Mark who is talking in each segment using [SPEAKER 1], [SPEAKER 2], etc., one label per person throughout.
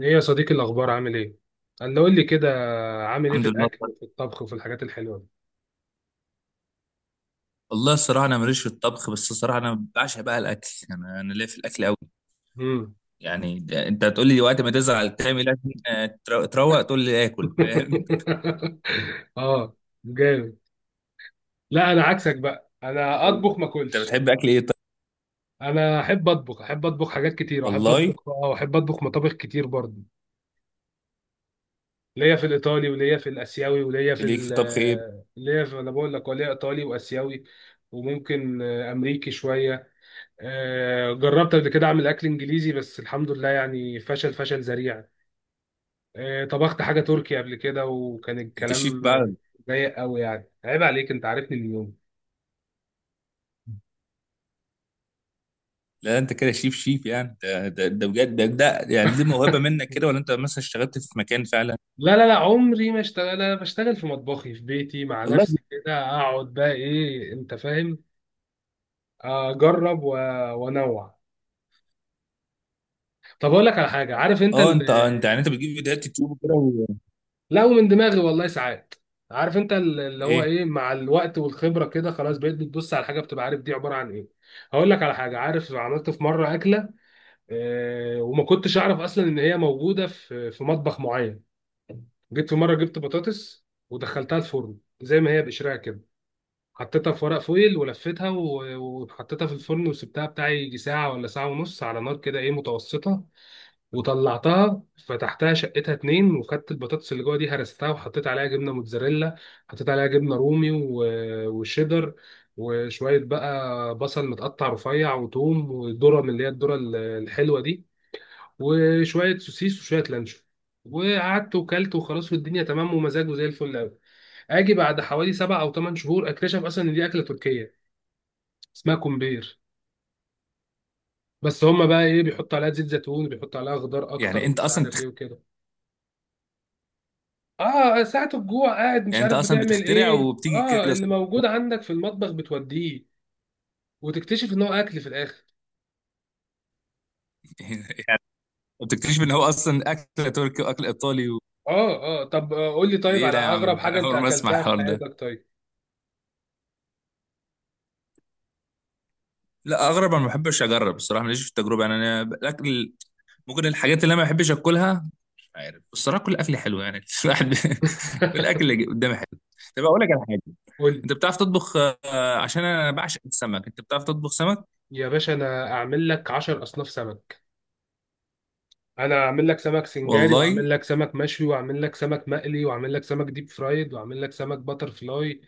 [SPEAKER 1] ايه يا صديقي، الاخبار؟ عامل ايه؟ قال له قول لي كده. عامل ايه
[SPEAKER 2] الحمد
[SPEAKER 1] في
[SPEAKER 2] لله
[SPEAKER 1] الاكل وفي
[SPEAKER 2] والله.
[SPEAKER 1] الطبخ وفي الحاجات الحلوه دي؟
[SPEAKER 2] والله الصراحه انا ماليش في الطبخ، بس الصراحه انا بعشق بقى الاكل، انا ليا في الاكل قوي.
[SPEAKER 1] امم.
[SPEAKER 2] يعني انت هتقول لي وقت ما تزعل تعمل اكل، تروق تقول لي اكل، فاهم؟
[SPEAKER 1] اه، جامد. لا، انا عكسك بقى، انا اطبخ ما
[SPEAKER 2] انت
[SPEAKER 1] اكلش.
[SPEAKER 2] بتحب اكل ايه طيب؟
[SPEAKER 1] انا احب اطبخ، احب اطبخ حاجات كتير، احب
[SPEAKER 2] والله
[SPEAKER 1] اطبخ اه، احب اطبخ مطابخ كتير برضه. ليا في الايطالي وليا في الاسيوي وليا في
[SPEAKER 2] ليك في الطبخ ايه؟
[SPEAKER 1] ليا في، انا بقول لك، وليا ايطالي واسيوي. وممكن امريكي شويه. جربت قبل كده اعمل اكل انجليزي، بس الحمد لله يعني فشل فشل ذريع. طبخت حاجة تركي قبل كده، وكان
[SPEAKER 2] انت شيف
[SPEAKER 1] الكلام
[SPEAKER 2] بقى؟
[SPEAKER 1] ضيق قوي، يعني عيب عليك، انت عارفني من يوم.
[SPEAKER 2] لا انت كده شيف، يعني ده بجد، ده يعني دي موهبه منك كده، ولا انت مثلا اشتغلت في مكان فعلا؟
[SPEAKER 1] لا لا لا، عمري ما اشتغل، انا بشتغل في مطبخي في بيتي مع
[SPEAKER 2] والله.
[SPEAKER 1] نفسي، كده اقعد بقى، ايه انت فاهم؟ اجرب وانوع. طب اقول لك على حاجة، عارف انت
[SPEAKER 2] اه، انت يعني انت بتجيب فيديوهات يوتيوب وكده
[SPEAKER 1] لا، ومن دماغي والله ساعات. عارف انت اللي هو
[SPEAKER 2] ايه؟
[SPEAKER 1] ايه، مع الوقت والخبرة كده خلاص بقيت بتبص على حاجة بتبقى عارف دي عبارة عن ايه. هقول لك على حاجة، عارف عملت في مرة أكلة، وما كنتش اعرف اصلا ان هي موجوده في مطبخ معين. جيت في مره جبت بطاطس ودخلتها الفرن زي ما هي بقشرها كده، حطيتها في ورق فويل ولفيتها وحطيتها في الفرن وسبتها بتاع يجي ساعه ولا ساعه ونص على نار كده ايه متوسطه. وطلعتها، فتحتها، شقتها اتنين، وخدت البطاطس اللي جوه دي، هرستها وحطيت عليها جبنه موتزاريلا، حطيت عليها جبنه رومي وشيدر، وشويه بقى بصل متقطع رفيع وتوم وذره من اللي هي الذره الحلوه دي، وشويه سوسيس وشويه لانشون. وقعدت وكلت وخلاص، والدنيا تمام ومزاجه زي الفل قوي. اجي بعد حوالي سبع او ثمان شهور اكتشف اصلا ان دي اكله تركيه، اسمها كومبير. بس هما بقى ايه، بيحطوا عليها زيت زيتون، بيحطوا عليها خضار اكتر
[SPEAKER 2] يعني انت
[SPEAKER 1] ومش
[SPEAKER 2] اصلا
[SPEAKER 1] عارف ايه وكده. اه، ساعة الجوع قاعد مش
[SPEAKER 2] يعني انت
[SPEAKER 1] عارف
[SPEAKER 2] اصلا
[SPEAKER 1] بتعمل
[SPEAKER 2] بتخترع
[SPEAKER 1] ايه،
[SPEAKER 2] وبتيجي
[SPEAKER 1] اه،
[SPEAKER 2] كده
[SPEAKER 1] اللي
[SPEAKER 2] الصدفة.
[SPEAKER 1] موجود عندك في المطبخ بتوديه، وتكتشف ان هو اكل في الاخر.
[SPEAKER 2] ما بتكتشف ان هو اصلا اكل تركي واكل ايطالي
[SPEAKER 1] اه اه، طب قول لي
[SPEAKER 2] ده
[SPEAKER 1] طيب،
[SPEAKER 2] ايه
[SPEAKER 1] على
[SPEAKER 2] ده يا
[SPEAKER 1] اغرب
[SPEAKER 2] عم؟
[SPEAKER 1] حاجة
[SPEAKER 2] انا
[SPEAKER 1] انت
[SPEAKER 2] اول ما اسمع
[SPEAKER 1] اكلتها في
[SPEAKER 2] الحوار ده.
[SPEAKER 1] حياتك؟ طيب.
[SPEAKER 2] لا، اغرب انا ما بحبش اجرب الصراحه، ماليش في التجربه يعني انا الاكل ممكن الحاجات اللي انا ما بحبش اكلها. مش عارف الصراحه، كل اكل حلو يعني. الواحد كل اكل اللي قدامي حلو. طب اقول لك على حاجه،
[SPEAKER 1] قول لي.
[SPEAKER 2] انت بتعرف تطبخ؟ عشان انا بعشق السمك، انت بتعرف تطبخ سمك؟
[SPEAKER 1] يا باشا، انا اعمل لك 10 اصناف سمك. انا اعمل لك سمك سنجاري،
[SPEAKER 2] والله.
[SPEAKER 1] واعمل لك سمك مشوي، واعمل لك سمك مقلي، واعمل لك سمك ديب فرايد، واعمل لك سمك باتر فلاي،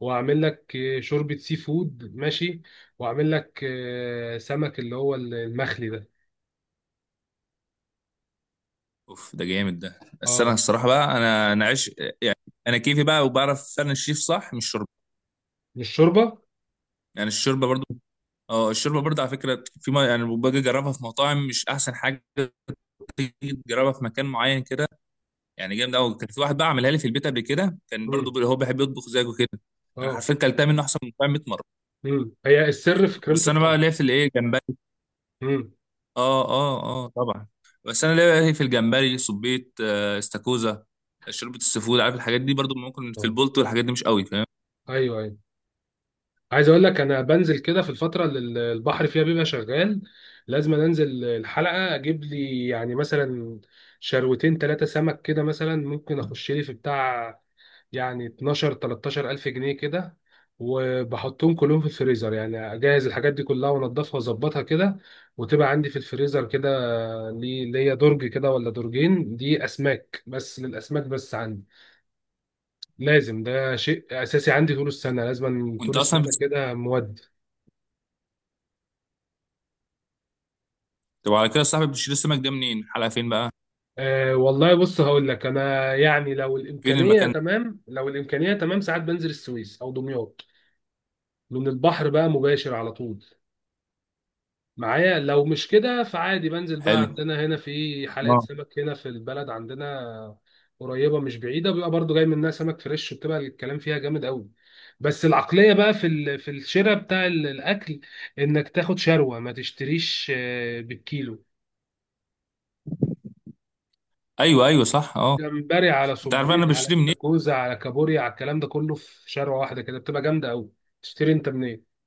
[SPEAKER 1] واعمل لك شوربة سي فود، ماشي. واعمل لك سمك اللي هو المخلي ده.
[SPEAKER 2] اوف ده جامد، ده السمك
[SPEAKER 1] اه.
[SPEAKER 2] الصراحه بقى، انا عش يعني. انا كيفي بقى، وبعرف فعلا الشيف صح. مش شوربه
[SPEAKER 1] مش شوربة.
[SPEAKER 2] يعني، الشوربه برضه. اه الشوربه برضه، على فكره، في ما يعني باجي اجربها في مطاعم مش احسن حاجه، تيجي تجربها في مكان معين كده، يعني جامد قوي. كان في واحد بقى عملها لي في البيت قبل كده، كان برضه
[SPEAKER 1] امم.
[SPEAKER 2] هو بيحب يطبخ زيك وكده. انا
[SPEAKER 1] اه.
[SPEAKER 2] حرفيا كلتها منه احسن من المطاعم 100 مره.
[SPEAKER 1] هي السر في كريمة
[SPEAKER 2] بس انا
[SPEAKER 1] الطهي.
[SPEAKER 2] بقى ليا في الايه، جمبري.
[SPEAKER 1] امم.
[SPEAKER 2] اه اه اه طبعا. بس انا ليا في الجمبري، صبيط، استاكوزا، شوربه السفود، عارف الحاجات دي. برضه ممكن في
[SPEAKER 1] اه.
[SPEAKER 2] البولت والحاجات دي مش قوي، فاهم؟
[SPEAKER 1] ايوه ايوه، عايز اقول لك، انا بنزل كده في الفتره اللي البحر فيها بيبقى شغال، لازم انزل الحلقه اجيب لي يعني مثلا شروتين ثلاثه سمك كده، مثلا ممكن اخش لي في بتاع يعني 12 13 الف جنيه كده، وبحطهم كلهم في الفريزر، يعني اجهز الحاجات دي كلها وانضفها واظبطها كده، وتبقى عندي في الفريزر كده. لي، ليا درج كده ولا درجين، دي اسماك بس، للاسماك بس عندي، لازم، ده شيء اساسي عندي طول السنه، لازم طول
[SPEAKER 2] وانت اصلا
[SPEAKER 1] السنه كده مودي.
[SPEAKER 2] طب على كده صاحبي، بتشيل السمك ده منين؟ الحلقه فين بقى؟
[SPEAKER 1] أه والله، بص هقول لك، انا يعني لو
[SPEAKER 2] فين
[SPEAKER 1] الامكانيه
[SPEAKER 2] المكان ده؟
[SPEAKER 1] تمام، لو الامكانيه تمام ساعات بنزل السويس او دمياط، لان البحر بقى مباشر على طول معايا. لو مش كده فعادي بنزل بقى
[SPEAKER 2] حلو.
[SPEAKER 1] عندنا هنا في حلقه
[SPEAKER 2] اه.
[SPEAKER 1] سمك هنا في البلد عندنا، قريبه مش بعيده، بيبقى برضو جاي منها سمك فريش، وبتبقى الكلام فيها جامد قوي. بس العقليه بقى في في الشراء بتاع الاكل، انك تاخد شروه ما تشتريش بالكيلو.
[SPEAKER 2] ايوه ايوه صح، اه.
[SPEAKER 1] جمبري على
[SPEAKER 2] انت عارف انا
[SPEAKER 1] صبيط على
[SPEAKER 2] بشتري منين؟
[SPEAKER 1] استاكوزا على كابوريا على الكلام ده كله في شارع واحده كده، بتبقى جامده قوي. تشتري انت منين؟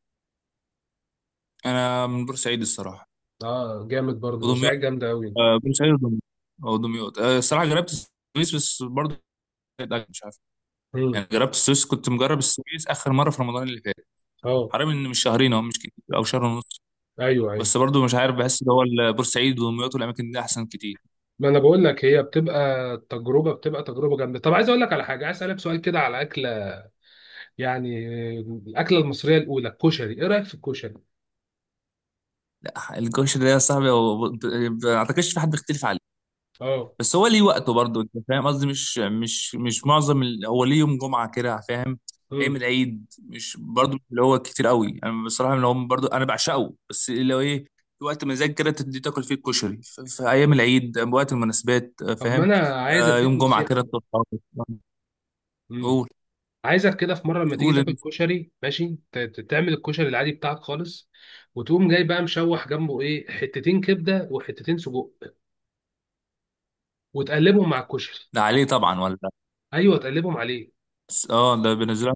[SPEAKER 2] انا من بورسعيد الصراحه،
[SPEAKER 1] اه، جامد برضه،
[SPEAKER 2] ودمياط.
[SPEAKER 1] بورسعيد جامده قوي.
[SPEAKER 2] بورسعيد ودمياط او دمياط. الصراحه جربت السويس بس برضه كانت أكل، مش عارف
[SPEAKER 1] امم.
[SPEAKER 2] يعني. جربت السويس، كنت مجرب السويس اخر مره في رمضان اللي فات.
[SPEAKER 1] اه.
[SPEAKER 2] حرام ان مش شهرين او مش كتير، او شهر ونص.
[SPEAKER 1] ايوه ايوه.
[SPEAKER 2] بس برضه مش عارف، بحس ان هو بورسعيد ودمياط والاماكن دي احسن كتير.
[SPEAKER 1] ما انا بقول لك، هي بتبقى تجربه، بتبقى تجربه جامده. طب عايز اقول لك على حاجه، عايز اسالك سؤال كده على اكله، يعني آه، الاكله المصريه الاولى الكشري، ايه رايك في الكشري؟
[SPEAKER 2] لا الكوش ده يا صاحبي، ما اعتقدش في حد بيختلف عليه.
[SPEAKER 1] اه.
[SPEAKER 2] بس هو ليه وقته برضه، انت فاهم قصدي؟ مش معظم هو ليه يوم جمعه كده، فاهم؟ ايام
[SPEAKER 1] امم.
[SPEAKER 2] العيد مش برضه اللي هو كتير قوي، انا بصراحه اللي هو برضه انا بعشقه، بس اللي هو ايه، في وقت مزاج كده تدي تاكل فيه الكشري، في ايام العيد، وقت المناسبات،
[SPEAKER 1] طب ما
[SPEAKER 2] فاهم؟
[SPEAKER 1] انا عايز
[SPEAKER 2] آه
[SPEAKER 1] اديك
[SPEAKER 2] يوم جمعه
[SPEAKER 1] نصيحه
[SPEAKER 2] كده
[SPEAKER 1] كده.
[SPEAKER 2] تطلع.
[SPEAKER 1] امم.
[SPEAKER 2] قول.
[SPEAKER 1] عايزك كده في مره لما تيجي
[SPEAKER 2] قول
[SPEAKER 1] تاكل
[SPEAKER 2] انت.
[SPEAKER 1] كشري ماشي، تعمل الكشري العادي بتاعك خالص، وتقوم جاي بقى مشوح جنبه ايه، حتتين كبده وحتتين سجق، وتقلبهم مع الكشري.
[SPEAKER 2] ده عليه طبعا ولا لا؟
[SPEAKER 1] ايوه تقلبهم عليه.
[SPEAKER 2] بس اه ده بينزلها،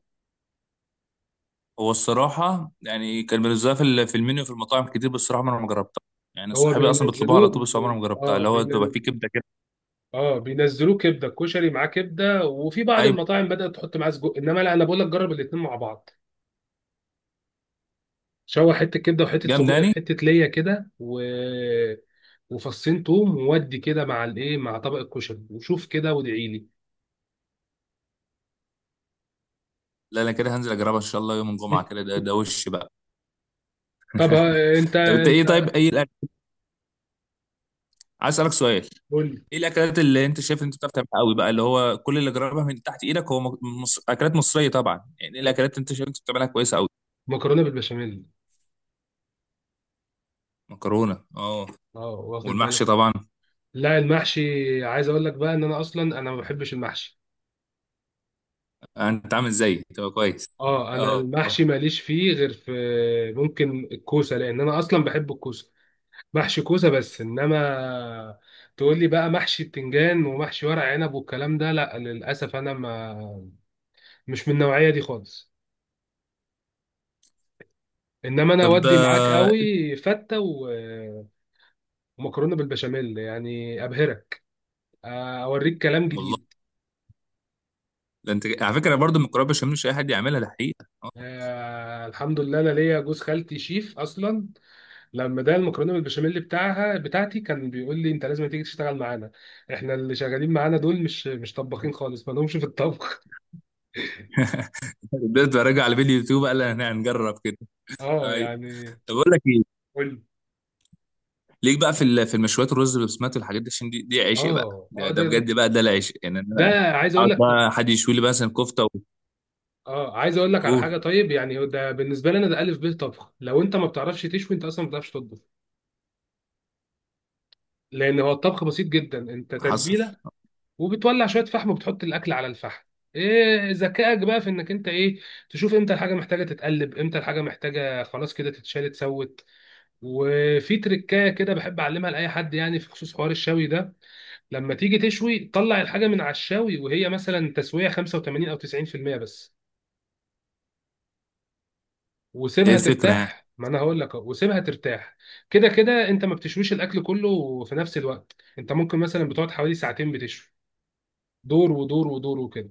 [SPEAKER 2] هو الصراحه يعني كان بينزلها في في المنيو في المطاعم كتير، بس الصراحه ما انا ما جربتها. يعني
[SPEAKER 1] هو
[SPEAKER 2] صحابي اصلا بيطلبوها
[SPEAKER 1] بينزلوه
[SPEAKER 2] على طول، بس عمري
[SPEAKER 1] بي...
[SPEAKER 2] ما جربتها،
[SPEAKER 1] اه
[SPEAKER 2] اللي هو بتبقى
[SPEAKER 1] بين...
[SPEAKER 2] فيه كبده
[SPEAKER 1] اه بينزلوه كبده، الكشري معاه كبده، وفي بعض
[SPEAKER 2] كده.
[SPEAKER 1] المطاعم بدات تحط معاه سجق. انما لا، انا بقول لك جرب الاثنين مع بعض، شوح حته كبده وحته سجق،
[SPEAKER 2] جمداني.
[SPEAKER 1] حته ليا كده وفصين توم وودي كده مع الايه، مع طبق الكشري، وشوف كده وادعي لي.
[SPEAKER 2] لا انا كده هنزل اجربها ان شاء الله يوم الجمعه كده. ده وش بقى؟
[SPEAKER 1] طب انت
[SPEAKER 2] طب انت
[SPEAKER 1] انت
[SPEAKER 2] ايه طيب، ايه الاكل؟ عايز اسالك سؤال،
[SPEAKER 1] قول
[SPEAKER 2] ايه الاكلات اللي انت شايف إن انت بتعرف تعملها قوي بقى، اللي هو كل اللي جربها من تحت ايدك، هو اكلات مصريه طبعا يعني، ايه
[SPEAKER 1] لي.
[SPEAKER 2] الاكلات اللي انت شايف إن انت بتعملها كويسه قوي؟
[SPEAKER 1] مكرونه بالبشاميل.
[SPEAKER 2] مكرونه، اه.
[SPEAKER 1] اه، واخد بالك.
[SPEAKER 2] والمحشي طبعا.
[SPEAKER 1] لا، المحشي، عايز اقول لك بقى ان انا اصلا، انا ما بحبش المحشي.
[SPEAKER 2] انت عامل زيي، تبقى كويس.
[SPEAKER 1] اه، انا
[SPEAKER 2] اه.
[SPEAKER 1] المحشي ماليش فيه غير في، ممكن الكوسه، لان انا اصلا بحب الكوسه، محشي كوسه بس. انما تقول لي بقى محشي بتنجان ومحشي ورق عنب والكلام ده، لا للاسف، انا ما، مش من النوعيه دي خالص. انما انا
[SPEAKER 2] طب
[SPEAKER 1] اودي معاك
[SPEAKER 2] آه.
[SPEAKER 1] قوي فته ومكرونه بالبشاميل، يعني ابهرك، اوريك كلام
[SPEAKER 2] والله.
[SPEAKER 1] جديد.
[SPEAKER 2] ده انت على فكره برضو المكرونه بشاميل مش اي حد يعملها، ده حقيقه، اه.
[SPEAKER 1] الحمد لله، انا ليا جوز خالتي شيف اصلا، لما ده المكرونه بالبشاميل بتاعها بتاعتي، كان بيقول لي انت لازم تيجي تشتغل معانا، احنا اللي شغالين معانا دول مش طباخين خالص، ما لهمش في الطبخ.
[SPEAKER 2] بدات اراجع على فيديو يوتيوب قال، انا هنجرب كده.
[SPEAKER 1] اه
[SPEAKER 2] اي.
[SPEAKER 1] يعني.
[SPEAKER 2] طب اقول لك إيه؟
[SPEAKER 1] قول لي.
[SPEAKER 2] ليك بقى في في المشويات الرز بالبسمات والحاجات دي، عشان دي عشق بقى،
[SPEAKER 1] اه اه،
[SPEAKER 2] ده
[SPEAKER 1] ده
[SPEAKER 2] بجد بقى ده العشق يعني.
[SPEAKER 1] ده
[SPEAKER 2] انا
[SPEAKER 1] عايز اقول
[SPEAKER 2] اقعد
[SPEAKER 1] لك، طب
[SPEAKER 2] بقى حد يشوي لي مثلا كفته.
[SPEAKER 1] اه، عايز اقول لك على
[SPEAKER 2] وقول.
[SPEAKER 1] حاجه طيب، يعني ده بالنسبه لي انا، ده الف ب طبخ، لو انت ما بتعرفش تشوي انت اصلا ما بتعرفش تطبخ. لان هو الطبخ بسيط جدا، انت
[SPEAKER 2] حصل.
[SPEAKER 1] تتبيله، وبتولع شويه فحم، وبتحط الاكل على الفحم. ايه ذكائك بقى في انك انت ايه، تشوف امتى الحاجه محتاجه تتقلب، امتى الحاجه محتاجه خلاص كده تتشال، اتسوت. وفي تركايه كده بحب اعلمها لاي حد يعني في خصوص حوار الشوي ده. لما تيجي تشوي، طلع الحاجه من على الشوي وهي مثلا تسويه 85 او 90% بس،
[SPEAKER 2] ايه
[SPEAKER 1] وسيبها
[SPEAKER 2] الفكره يعني؟
[SPEAKER 1] ترتاح. ما انا هقول لك أهو، وسيبها ترتاح. كده كده انت ما بتشويش الاكل كله في نفس الوقت، انت ممكن مثلا بتقعد حوالي ساعتين بتشوي، دور ودور ودور وكده.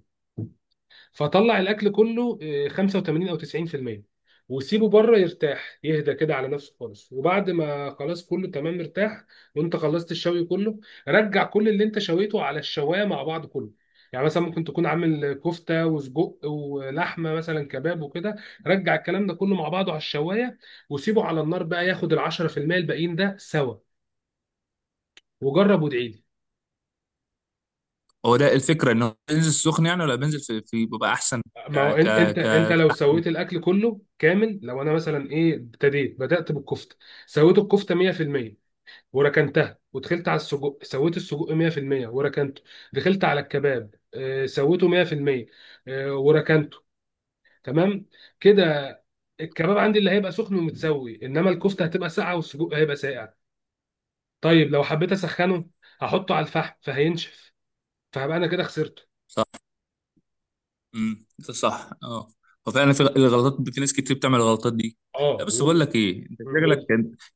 [SPEAKER 1] فطلع الاكل كله 85 او 90%، وسيبه بره يرتاح، يهدى كده على نفسه خالص. وبعد ما خلاص كله تمام مرتاح، وانت خلصت الشوي كله، رجع كل اللي انت شويته على الشوايه مع بعض كله. يعني مثلا ممكن تكون عامل كفته وسجق ولحمه مثلا كباب وكده، رجع الكلام ده كله مع بعضه على الشوايه، وسيبه على النار بقى ياخد ال 10% الباقيين ده سوا، وجرب وادعي.
[SPEAKER 2] هو ده الفكره ان هو بينزل سخن يعني، ولا بينزل في بيبقى احسن؟ ك
[SPEAKER 1] ما هو
[SPEAKER 2] ك
[SPEAKER 1] انت
[SPEAKER 2] ك
[SPEAKER 1] لو سويت الاكل كله كامل، لو انا مثلا ايه، بدات بالكفته، سويت الكفته 100% وركنتها، ودخلت على السجق سويت السجق 100% وركنته، دخلت على الكباب سويته 100%، وركنته. تمام كده. الكباب عندي اللي هيبقى سخن ومتسوي، انما الكفته هتبقى ساقعه والسجق هيبقى ساقع. طيب لو حبيت اسخنه، هحطه على الفحم فهينشف، فهبقى انا كده خسرته.
[SPEAKER 2] صح ده صح اه. وفعلا في الغلطات، في ناس كتير بتعمل الغلطات دي.
[SPEAKER 1] اه
[SPEAKER 2] لا بس
[SPEAKER 1] و...
[SPEAKER 2] بقول لك ايه، انت
[SPEAKER 1] و...
[SPEAKER 2] شكلك،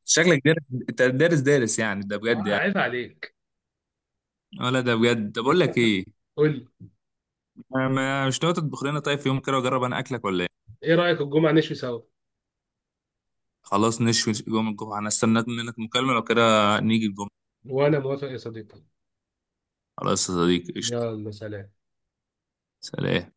[SPEAKER 2] شكلك دارس. انت دارس، يعني ده بجد
[SPEAKER 1] اه،
[SPEAKER 2] يعني،
[SPEAKER 1] عيب عليك.
[SPEAKER 2] ولا ده بجد؟ طب بقول لك ايه.
[SPEAKER 1] قول لي.
[SPEAKER 2] مش ناوي تطبخ لنا طيب في يوم كده، واجرب انا اكلك، ولا؟
[SPEAKER 1] ايه رايك الجمعه نشوي سوا؟
[SPEAKER 2] خلاص نشوي يوم الجمعة، أنا استنيت منك مكالمة لو كده. نيجي الجمعة.
[SPEAKER 1] وأنا موافق يا صديقي.
[SPEAKER 2] خلاص يا صديقي، قشطة.
[SPEAKER 1] يلا، سلام.
[SPEAKER 2] سلام.